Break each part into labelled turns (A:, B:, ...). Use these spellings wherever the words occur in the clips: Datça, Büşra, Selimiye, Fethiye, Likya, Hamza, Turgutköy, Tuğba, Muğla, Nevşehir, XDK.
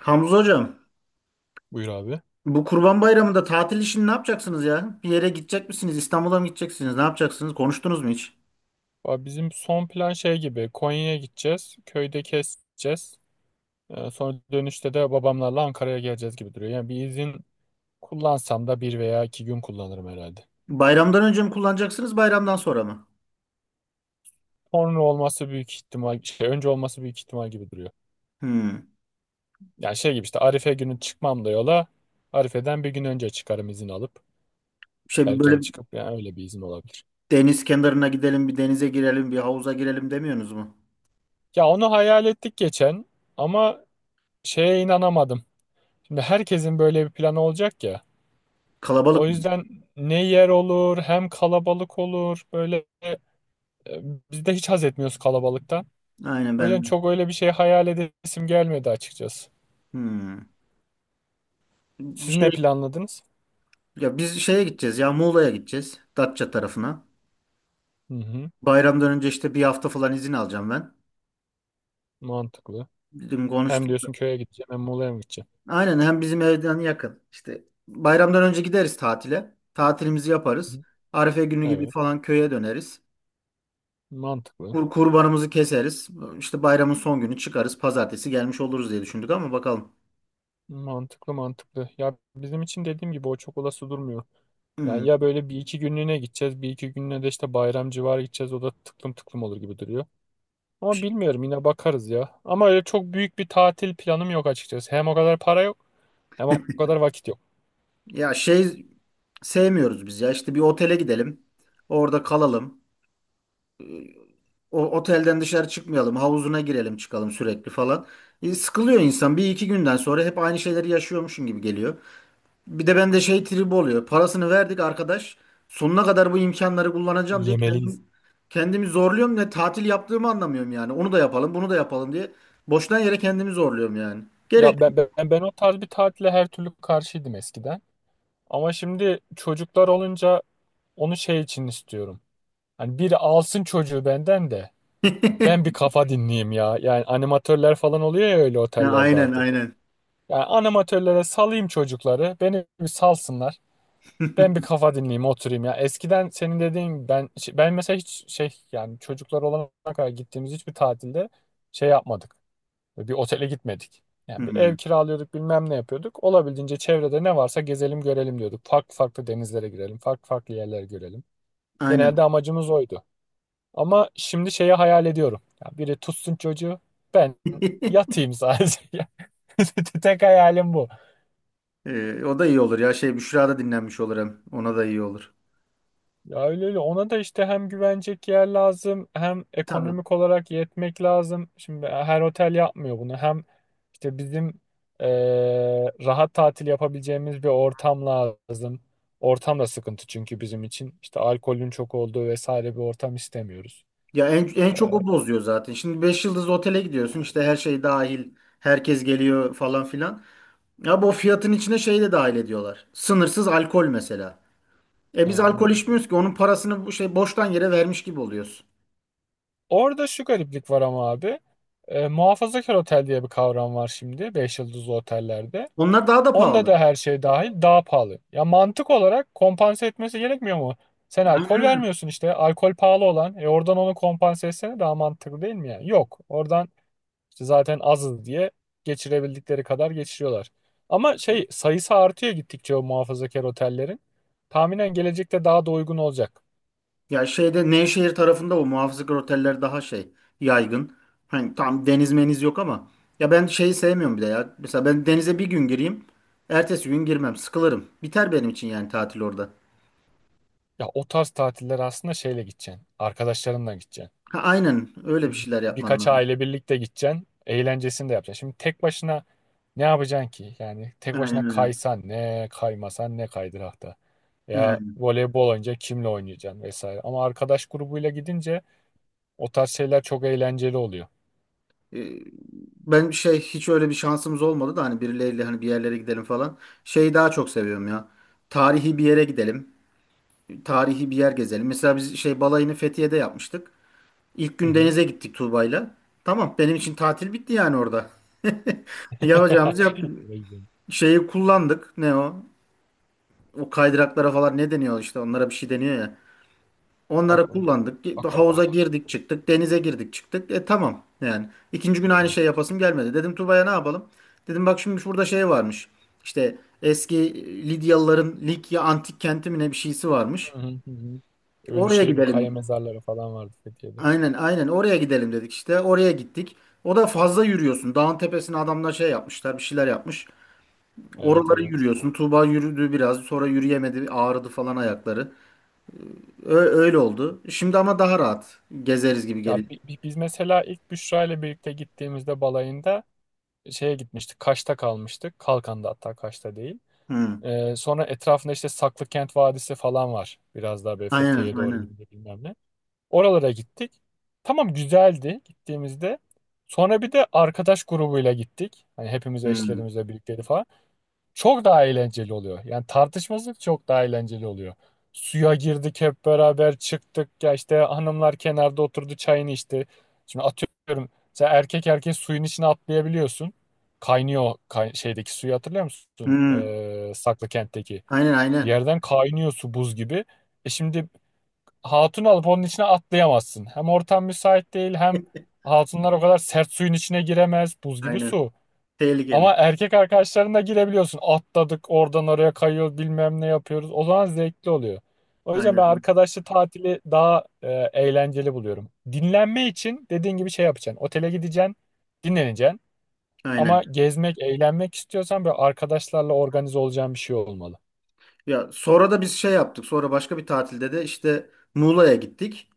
A: Hamza hocam,
B: Buyur abi.
A: bu Kurban Bayramı'nda tatil işini ne yapacaksınız ya? Bir yere gidecek misiniz? İstanbul'a mı gideceksiniz? Ne yapacaksınız? Konuştunuz mu hiç?
B: Abi bizim son plan şey gibi Konya'ya gideceğiz. Köyde keseceğiz. Sonra dönüşte de babamlarla Ankara'ya geleceğiz gibi duruyor. Yani bir izin kullansam da bir veya iki gün kullanırım herhalde.
A: Bayramdan önce mi kullanacaksınız, bayramdan sonra mı?
B: Sonra olması büyük ihtimal, şey, önce olması büyük ihtimal gibi duruyor.
A: Hmm.
B: Yani şey gibi işte Arife günü çıkmam da yola. Arife'den bir gün önce çıkarım izin alıp.
A: Bir
B: Erken
A: böyle
B: çıkıp yani öyle bir izin olabilir.
A: deniz kenarına gidelim, bir denize girelim, bir havuza girelim demiyorsunuz mu?
B: Ya onu hayal ettik geçen ama şeye inanamadım. Şimdi herkesin böyle bir planı olacak ya. O
A: Kalabalık mı?
B: yüzden ne yer olur hem kalabalık olur. Böyle e, biz de hiç haz etmiyoruz kalabalıktan.
A: Aynen
B: O yüzden
A: ben de.
B: çok öyle bir şey hayal edesim gelmedi açıkçası.
A: Hmm. Bir
B: Siz
A: şey
B: ne planladınız?
A: ya biz şeye gideceğiz ya Muğla'ya gideceğiz. Datça tarafına.
B: Hı hı,
A: Bayramdan önce işte bir hafta falan izin alacağım ben.
B: mantıklı.
A: Dedim
B: Hem
A: konuştum.
B: diyorsun köye gideceğim hem Muğla'ya mı gideceğim?
A: Aynen hem bizim evden yakın. İşte bayramdan önce gideriz tatile. Tatilimizi
B: Hı
A: yaparız.
B: hı,
A: Arife günü gibi
B: evet,
A: falan köye döneriz.
B: mantıklı.
A: Kurbanımızı keseriz. İşte bayramın son günü çıkarız. Pazartesi gelmiş oluruz diye düşündük ama bakalım.
B: Mantıklı mantıklı. Ya bizim için dediğim gibi o çok olası durmuyor.
A: Hmm.
B: Yani ya böyle bir iki günlüğüne gideceğiz. Bir iki günlüğüne de işte bayram civarı gideceğiz. O da tıklım tıklım olur gibi duruyor. Ama bilmiyorum yine bakarız ya. Ama öyle çok büyük bir tatil planım yok açıkçası. Hem o kadar para yok hem o kadar vakit yok.
A: Ya sevmiyoruz biz ya. İşte bir otele gidelim. Orada kalalım. O otelden dışarı çıkmayalım. Havuzuna girelim çıkalım sürekli falan. Sıkılıyor insan. Bir iki günden sonra hep aynı şeyleri yaşıyormuşum gibi geliyor. Bir de bende şey tribi oluyor. Parasını verdik arkadaş. Sonuna kadar bu imkanları kullanacağım diye
B: Yemeliyiz.
A: kendimi zorluyorum ve tatil yaptığımı anlamıyorum yani. Onu da yapalım, bunu da yapalım diye. Boştan yere kendimi zorluyorum yani. Gerek.
B: Ya ben o tarz bir tatile her türlü karşıydım eskiden. Ama şimdi çocuklar olunca onu şey için istiyorum. Hani biri alsın çocuğu benden de ben bir kafa dinleyeyim ya. Yani animatörler falan oluyor ya öyle
A: Ha,
B: otellerde
A: aynen,
B: artık.
A: aynen.
B: Yani animatörlere salayım çocukları. Beni bir salsınlar. Ben bir kafa dinleyeyim, oturayım ya. Eskiden senin dediğin ben mesela hiç şey yani çocuklar olana kadar gittiğimiz hiçbir tatilde şey yapmadık. Böyle bir otele gitmedik. Yani bir
A: Hmm,
B: ev kiralıyorduk, bilmem ne yapıyorduk. Olabildiğince çevrede ne varsa gezelim, görelim diyorduk. Farklı farklı denizlere girelim, farklı farklı yerlere görelim. Genelde
A: aynen.
B: amacımız oydu. Ama şimdi şeyi hayal ediyorum. Ya biri tutsun çocuğu, ben yatayım sadece. Tek hayalim bu.
A: O da iyi olur ya. Büşra da dinlenmiş olur hem. Ona da iyi olur.
B: Ya öyle öyle ona da işte hem güvenecek yer lazım hem
A: Tabii.
B: ekonomik olarak yetmek lazım. Şimdi her otel yapmıyor bunu. Hem işte bizim rahat tatil yapabileceğimiz bir ortam lazım. Ortam da sıkıntı çünkü bizim için. İşte alkolün çok olduğu vesaire bir ortam istemiyoruz.
A: Ya en
B: Eee,
A: çok o bozuyor zaten. Şimdi 5 yıldızlı otele gidiyorsun. İşte her şey dahil. Herkes geliyor falan filan. Ya bu fiyatın içine şey de dahil ediyorlar. Sınırsız alkol mesela. E biz
B: Aynen
A: alkol
B: öyle.
A: içmiyoruz ki onun parasını bu şey boştan yere vermiş gibi oluyoruz.
B: Orada şu gariplik var ama abi. Muhafazakar otel diye bir kavram var şimdi 5 yıldızlı otellerde.
A: Onlar daha da
B: Onda
A: pahalı.
B: da her şey dahil daha pahalı. Ya mantık olarak kompanse etmesi gerekmiyor mu? Sen
A: Aynen
B: alkol
A: öyle.
B: vermiyorsun işte. Alkol pahalı olan. Oradan onu kompanse etsene daha mantıklı değil mi yani? Yok. Oradan işte zaten azız diye geçirebildikleri kadar geçiriyorlar. Ama şey sayısı artıyor gittikçe o muhafazakar otellerin. Tahminen gelecekte daha da uygun olacak.
A: Ya şeyde Nevşehir tarafında o muhafızlık oteller daha yaygın. Hani tam deniz meniz yok ama ya ben şeyi sevmiyorum bir de ya. Mesela ben denize bir gün gireyim, ertesi gün girmem, sıkılırım. Biter benim için yani tatil orada.
B: Ya o tarz tatiller aslında şeyle gideceksin. Arkadaşlarınla gideceksin.
A: Ha, aynen öyle bir şeyler yapman
B: Birkaç
A: lazım.
B: aile birlikte gideceksin. Eğlencesini de yapacaksın. Şimdi tek başına ne yapacaksın ki? Yani tek başına
A: Aynen öyle.
B: kaysan ne, kaymasan ne kaydırakta. Ya
A: Yani.
B: voleybol oynayınca kimle oynayacaksın vesaire. Ama arkadaş grubuyla gidince o tarz şeyler çok eğlenceli oluyor.
A: E, Ben şey hiç öyle bir şansımız olmadı da hani birileriyle hani bir yerlere gidelim falan. Şeyi daha çok seviyorum ya. Tarihi bir yere gidelim. Tarihi bir yer gezelim. Mesela biz balayını Fethiye'de yapmıştık. İlk
B: Hı
A: gün
B: hı.
A: denize gittik Tuğba'yla. Tamam benim için tatil bitti yani orada. Yapacağımızı yaptık.
B: Şuraya gidelim.
A: Şeyi kullandık. Ne o? O kaydıraklara falan ne deniyor işte onlara bir şey deniyor ya. Onları
B: Bak o doğru.
A: kullandık. Havuza
B: Aquapark
A: girdik çıktık. Denize girdik çıktık. E tamam yani. İkinci gün aynı
B: benim
A: şey
B: için.
A: yapasım gelmedi. Dedim Tuba'ya ne yapalım? Dedim bak şimdi şurada şey varmış. İşte eski Lidyalıların Likya antik kenti mi ne bir şeysi varmış.
B: Hı hı hı. hı.
A: Oraya
B: Ölüşehir'in kaya
A: gidelim.
B: mezarları falan vardı Fethiye'de.
A: Aynen aynen oraya gidelim dedik işte. Oraya gittik. O da fazla yürüyorsun. Dağın tepesine adamlar şey yapmışlar bir şeyler yapmış.
B: Evet
A: Oraları
B: evet.
A: yürüyorsun. Tuğba yürüdü biraz sonra yürüyemedi ağrıdı falan ayakları. Ö- öyle oldu. Şimdi ama daha rahat gezeriz gibi geliyor.
B: Ya biz mesela ilk Büşra ile birlikte gittiğimizde balayında şeye gitmiştik. Kaş'ta kalmıştık. Kalkan'da hatta Kaş'ta değil.
A: Hı.
B: Sonra etrafında işte Saklıkent Vadisi falan var. Biraz daha böyle
A: Aynen
B: Fethiye'ye doğru
A: aynen.
B: gidince bilmem ne. Oralara gittik. Tamam güzeldi gittiğimizde. Sonra bir de arkadaş grubuyla gittik. Hani hepimiz
A: Hmm.
B: eşlerimizle birlikteydi falan çok daha eğlenceli oluyor. Yani tartışması çok daha eğlenceli oluyor. Suya girdik hep beraber çıktık ya işte hanımlar kenarda oturdu çayını içti. Şimdi atıyorum sen erkek erkeğe suyun içine atlayabiliyorsun. Kaynıyor şeydeki suyu hatırlıyor musun?
A: Hmm.
B: Saklıkent'teki.
A: Aynen
B: Bir
A: aynen.
B: yerden kaynıyor su buz gibi. Şimdi hatun alıp onun içine atlayamazsın. Hem ortam müsait değil hem hatunlar o kadar sert suyun içine giremez buz gibi
A: Aynen.
B: su.
A: Tehlikeli.
B: Ama erkek arkadaşlarına girebiliyorsun. Atladık oradan oraya kayıyoruz bilmem ne yapıyoruz. O zaman zevkli oluyor. O yüzden ben
A: Aynen.
B: arkadaşlı tatili daha eğlenceli buluyorum. Dinlenme için dediğin gibi şey yapacaksın. Otele gideceksin, dinleneceksin. Ama
A: Aynen.
B: gezmek, eğlenmek istiyorsan böyle arkadaşlarla organize olacağın bir şey olmalı.
A: Ya sonra da biz şey yaptık. Sonra başka bir tatilde de işte Muğla'ya gittik.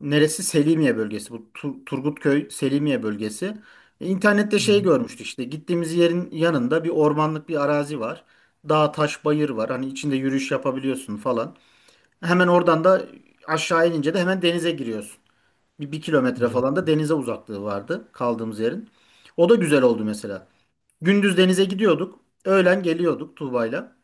A: Neresi? Selimiye bölgesi. Bu Turgutköy Selimiye bölgesi. İnternette
B: Hı
A: şey
B: hı,
A: görmüştük işte. Gittiğimiz yerin yanında bir ormanlık bir arazi var. Dağ, taş, bayır var. Hani içinde yürüyüş yapabiliyorsun falan. Hemen oradan da aşağı inince de hemen denize giriyorsun. Bir kilometre falan da
B: güzelmiş.
A: denize uzaklığı vardı kaldığımız yerin. O da güzel oldu mesela. Gündüz denize gidiyorduk. Öğlen geliyorduk Tuğba'yla.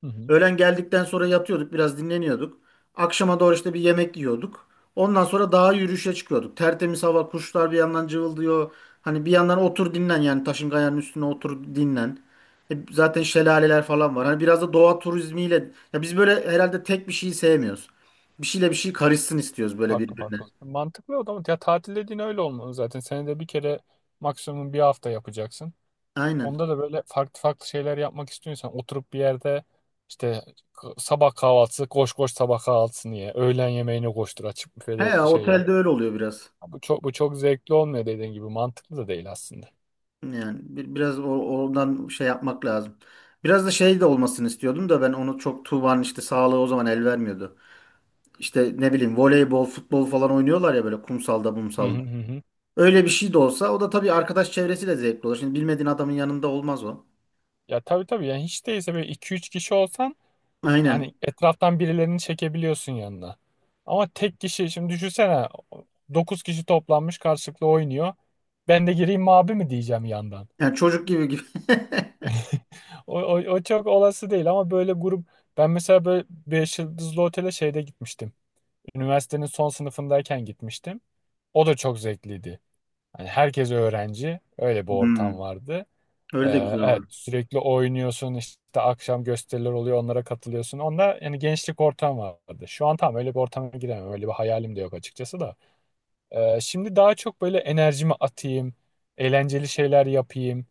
B: Hı hı,
A: Öğlen geldikten sonra yatıyorduk biraz dinleniyorduk. Akşama doğru işte bir yemek yiyorduk. Ondan sonra dağa yürüyüşe çıkıyorduk. Tertemiz hava, kuşlar bir yandan cıvıldıyor. Hani bir yandan otur dinlen yani taşın kayanın üstüne otur dinlen. Zaten şelaleler falan var. Hani biraz da doğa turizmiyle ya biz böyle herhalde tek bir şeyi sevmiyoruz. Bir şeyle bir şey karışsın istiyoruz böyle
B: farklı
A: birbirine.
B: farklı. Mantıklı o zaman. Ya tatil dediğin öyle olmalı zaten. Senede bir kere maksimum bir hafta yapacaksın.
A: Aynen.
B: Onda da böyle farklı farklı şeyler yapmak istiyorsan oturup bir yerde işte sabah kahvaltısı koş koş sabah kahvaltısını ye. Öğlen yemeğini koştur açık büfede
A: He,
B: şey yap.
A: otelde öyle oluyor biraz.
B: Bu çok zevkli olmuyor dediğin gibi mantıklı da değil aslında.
A: Yani biraz oradan şey yapmak lazım. Biraz da şey de olmasını istiyordum da ben onu çok Tuğba'nın işte sağlığı o zaman el vermiyordu. İşte ne bileyim voleybol, futbol falan oynuyorlar ya böyle kumsalda,
B: Hı hı
A: mumsalda.
B: hı. hı.
A: Öyle bir şey de olsa o da tabii arkadaş çevresiyle zevkli olur. Şimdi bilmediğin adamın yanında olmaz o.
B: Ya tabii tabii yani hiç değilse böyle 2-3 kişi olsan hani
A: Aynen.
B: etraftan birilerini çekebiliyorsun yanına. Ama tek kişi şimdi düşünsene 9 kişi toplanmış karşılıklı oynuyor. Ben de gireyim mi abi mi diyeceğim yandan.
A: Yani çocuk gibi gibi.
B: O çok olası değil ama böyle grup ben mesela böyle 5 yıldızlı otele şeyde gitmiştim. Üniversitenin son sınıfındayken gitmiştim. O da çok zevkliydi. Hani herkes öğrenci. Öyle bir
A: Hmm.
B: ortam vardı. Ee,
A: Öyle de güzel
B: evet,
A: olur.
B: sürekli oynuyorsun işte akşam gösteriler oluyor onlara katılıyorsun. Onda yani gençlik ortam vardı. Şu an tam öyle bir ortama giremem. Öyle bir hayalim de yok açıkçası da. Şimdi daha çok böyle enerjimi atayım. Eğlenceli şeyler yapayım.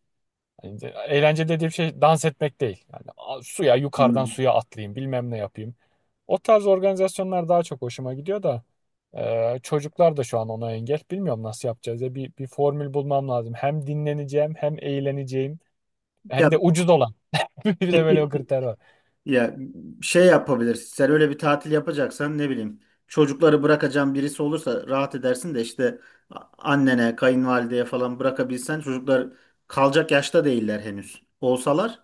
B: Yani eğlence dediğim şey dans etmek değil. Yani suya yukarıdan
A: Hmm.
B: suya atlayayım bilmem ne yapayım. O tarz organizasyonlar daha çok hoşuma gidiyor da çocuklar da şu an ona engel. Bilmiyorum nasıl yapacağız ya bir formül bulmam lazım. Hem dinleneceğim hem eğleneceğim
A: Ya
B: hem de ucuz olan. Bir de böyle bir kriter var.
A: Ya şey yapabilirsin. Sen öyle bir tatil yapacaksan ne bileyim çocukları bırakacağın birisi olursa rahat edersin de işte annene, kayınvalideye falan bırakabilsen çocuklar kalacak yaşta değiller henüz. Olsalar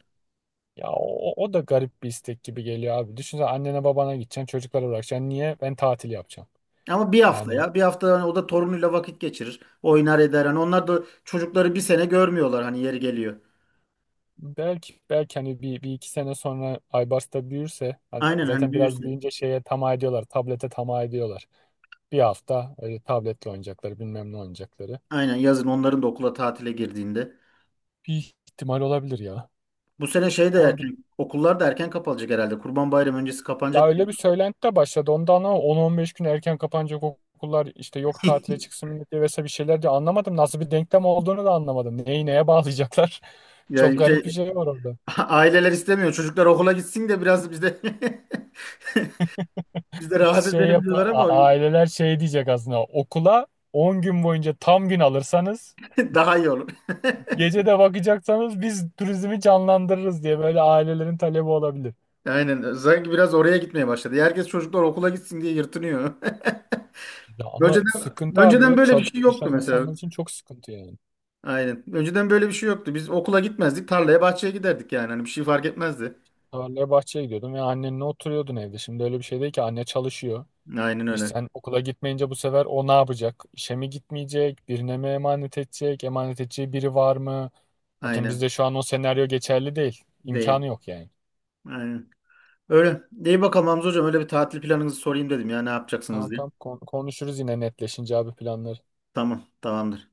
B: Ya o da garip bir istek gibi geliyor abi. Düşünsene annene babana gideceksin çocuklara bırakacaksın. Niye? Ben tatil yapacağım.
A: ama bir hafta
B: Yani
A: ya bir hafta hani o da torunuyla vakit geçirir. Oynar eder. Hani onlar da çocukları bir sene görmüyorlar hani yeri geliyor.
B: Belki belki hani bir iki sene sonra Aybars'ta büyürse hani
A: Aynen hani
B: zaten biraz
A: büyürse.
B: büyüyünce şeye tamah ediyorlar. Tablete tamah ediyorlar. Bir hafta öyle tabletle oynayacakları bilmem ne oynayacakları.
A: Aynen yazın onların da okula tatile girdiğinde.
B: Bir ihtimal olabilir ya.
A: Bu sene de
B: Ama
A: erken okullar da erken kapanacak herhalde. Kurban Bayramı öncesi
B: ya
A: kapanacak diye
B: öyle bir
A: biliyorum.
B: söylenti de başladı. Ondan ama 10-15 gün erken kapanacak okullar işte yok tatile çıksın millet diye vesaire bir şeyler diye anlamadım. Nasıl bir denklem olduğunu da anlamadım. Neyi neye bağlayacaklar? Çok
A: Ya
B: garip bir şey var orada.
A: Aileler istemiyor. Çocuklar okula gitsin de biraz biz de biz de rahat
B: Şey
A: edelim
B: yap
A: diyorlar ama
B: aileler şey diyecek aslında okula 10 gün boyunca tam gün alırsanız
A: daha iyi olur.
B: gece de bakacaksanız biz turizmi canlandırırız diye böyle ailelerin talebi olabilir.
A: Aynen. Sanki biraz oraya gitmeye başladı. Herkes çocuklar okula gitsin diye yırtınıyor.
B: Ya ama
A: Önceden
B: sıkıntı
A: önceden
B: abi
A: böyle bir şey yoktu
B: çalışan
A: mesela.
B: insanlar için çok sıkıntı yani.
A: Aynen. Önceden böyle bir şey yoktu. Biz okula gitmezdik. Tarlaya, bahçeye giderdik yani. Hani bir şey fark etmezdi.
B: Tarlaya bahçeye gidiyordum ve annenle oturuyordun evde. Şimdi öyle bir şey değil ki anne çalışıyor.
A: Aynen öyle.
B: Sen okula gitmeyince bu sefer o ne yapacak? İşe mi gitmeyecek? Birine mi emanet edecek? Emanet edeceği biri var mı? Atıyorum
A: Aynen.
B: bizde şu an o senaryo geçerli değil. İmkanı
A: Değil.
B: yok yani.
A: Aynen. Öyle. İyi bakalım Hamza hocam. Öyle bir tatil planınızı sorayım dedim ya. Ne yapacaksınız
B: Tamam
A: diye.
B: tamam konuşuruz yine netleşince abi planları.
A: Tamam. Tamamdır.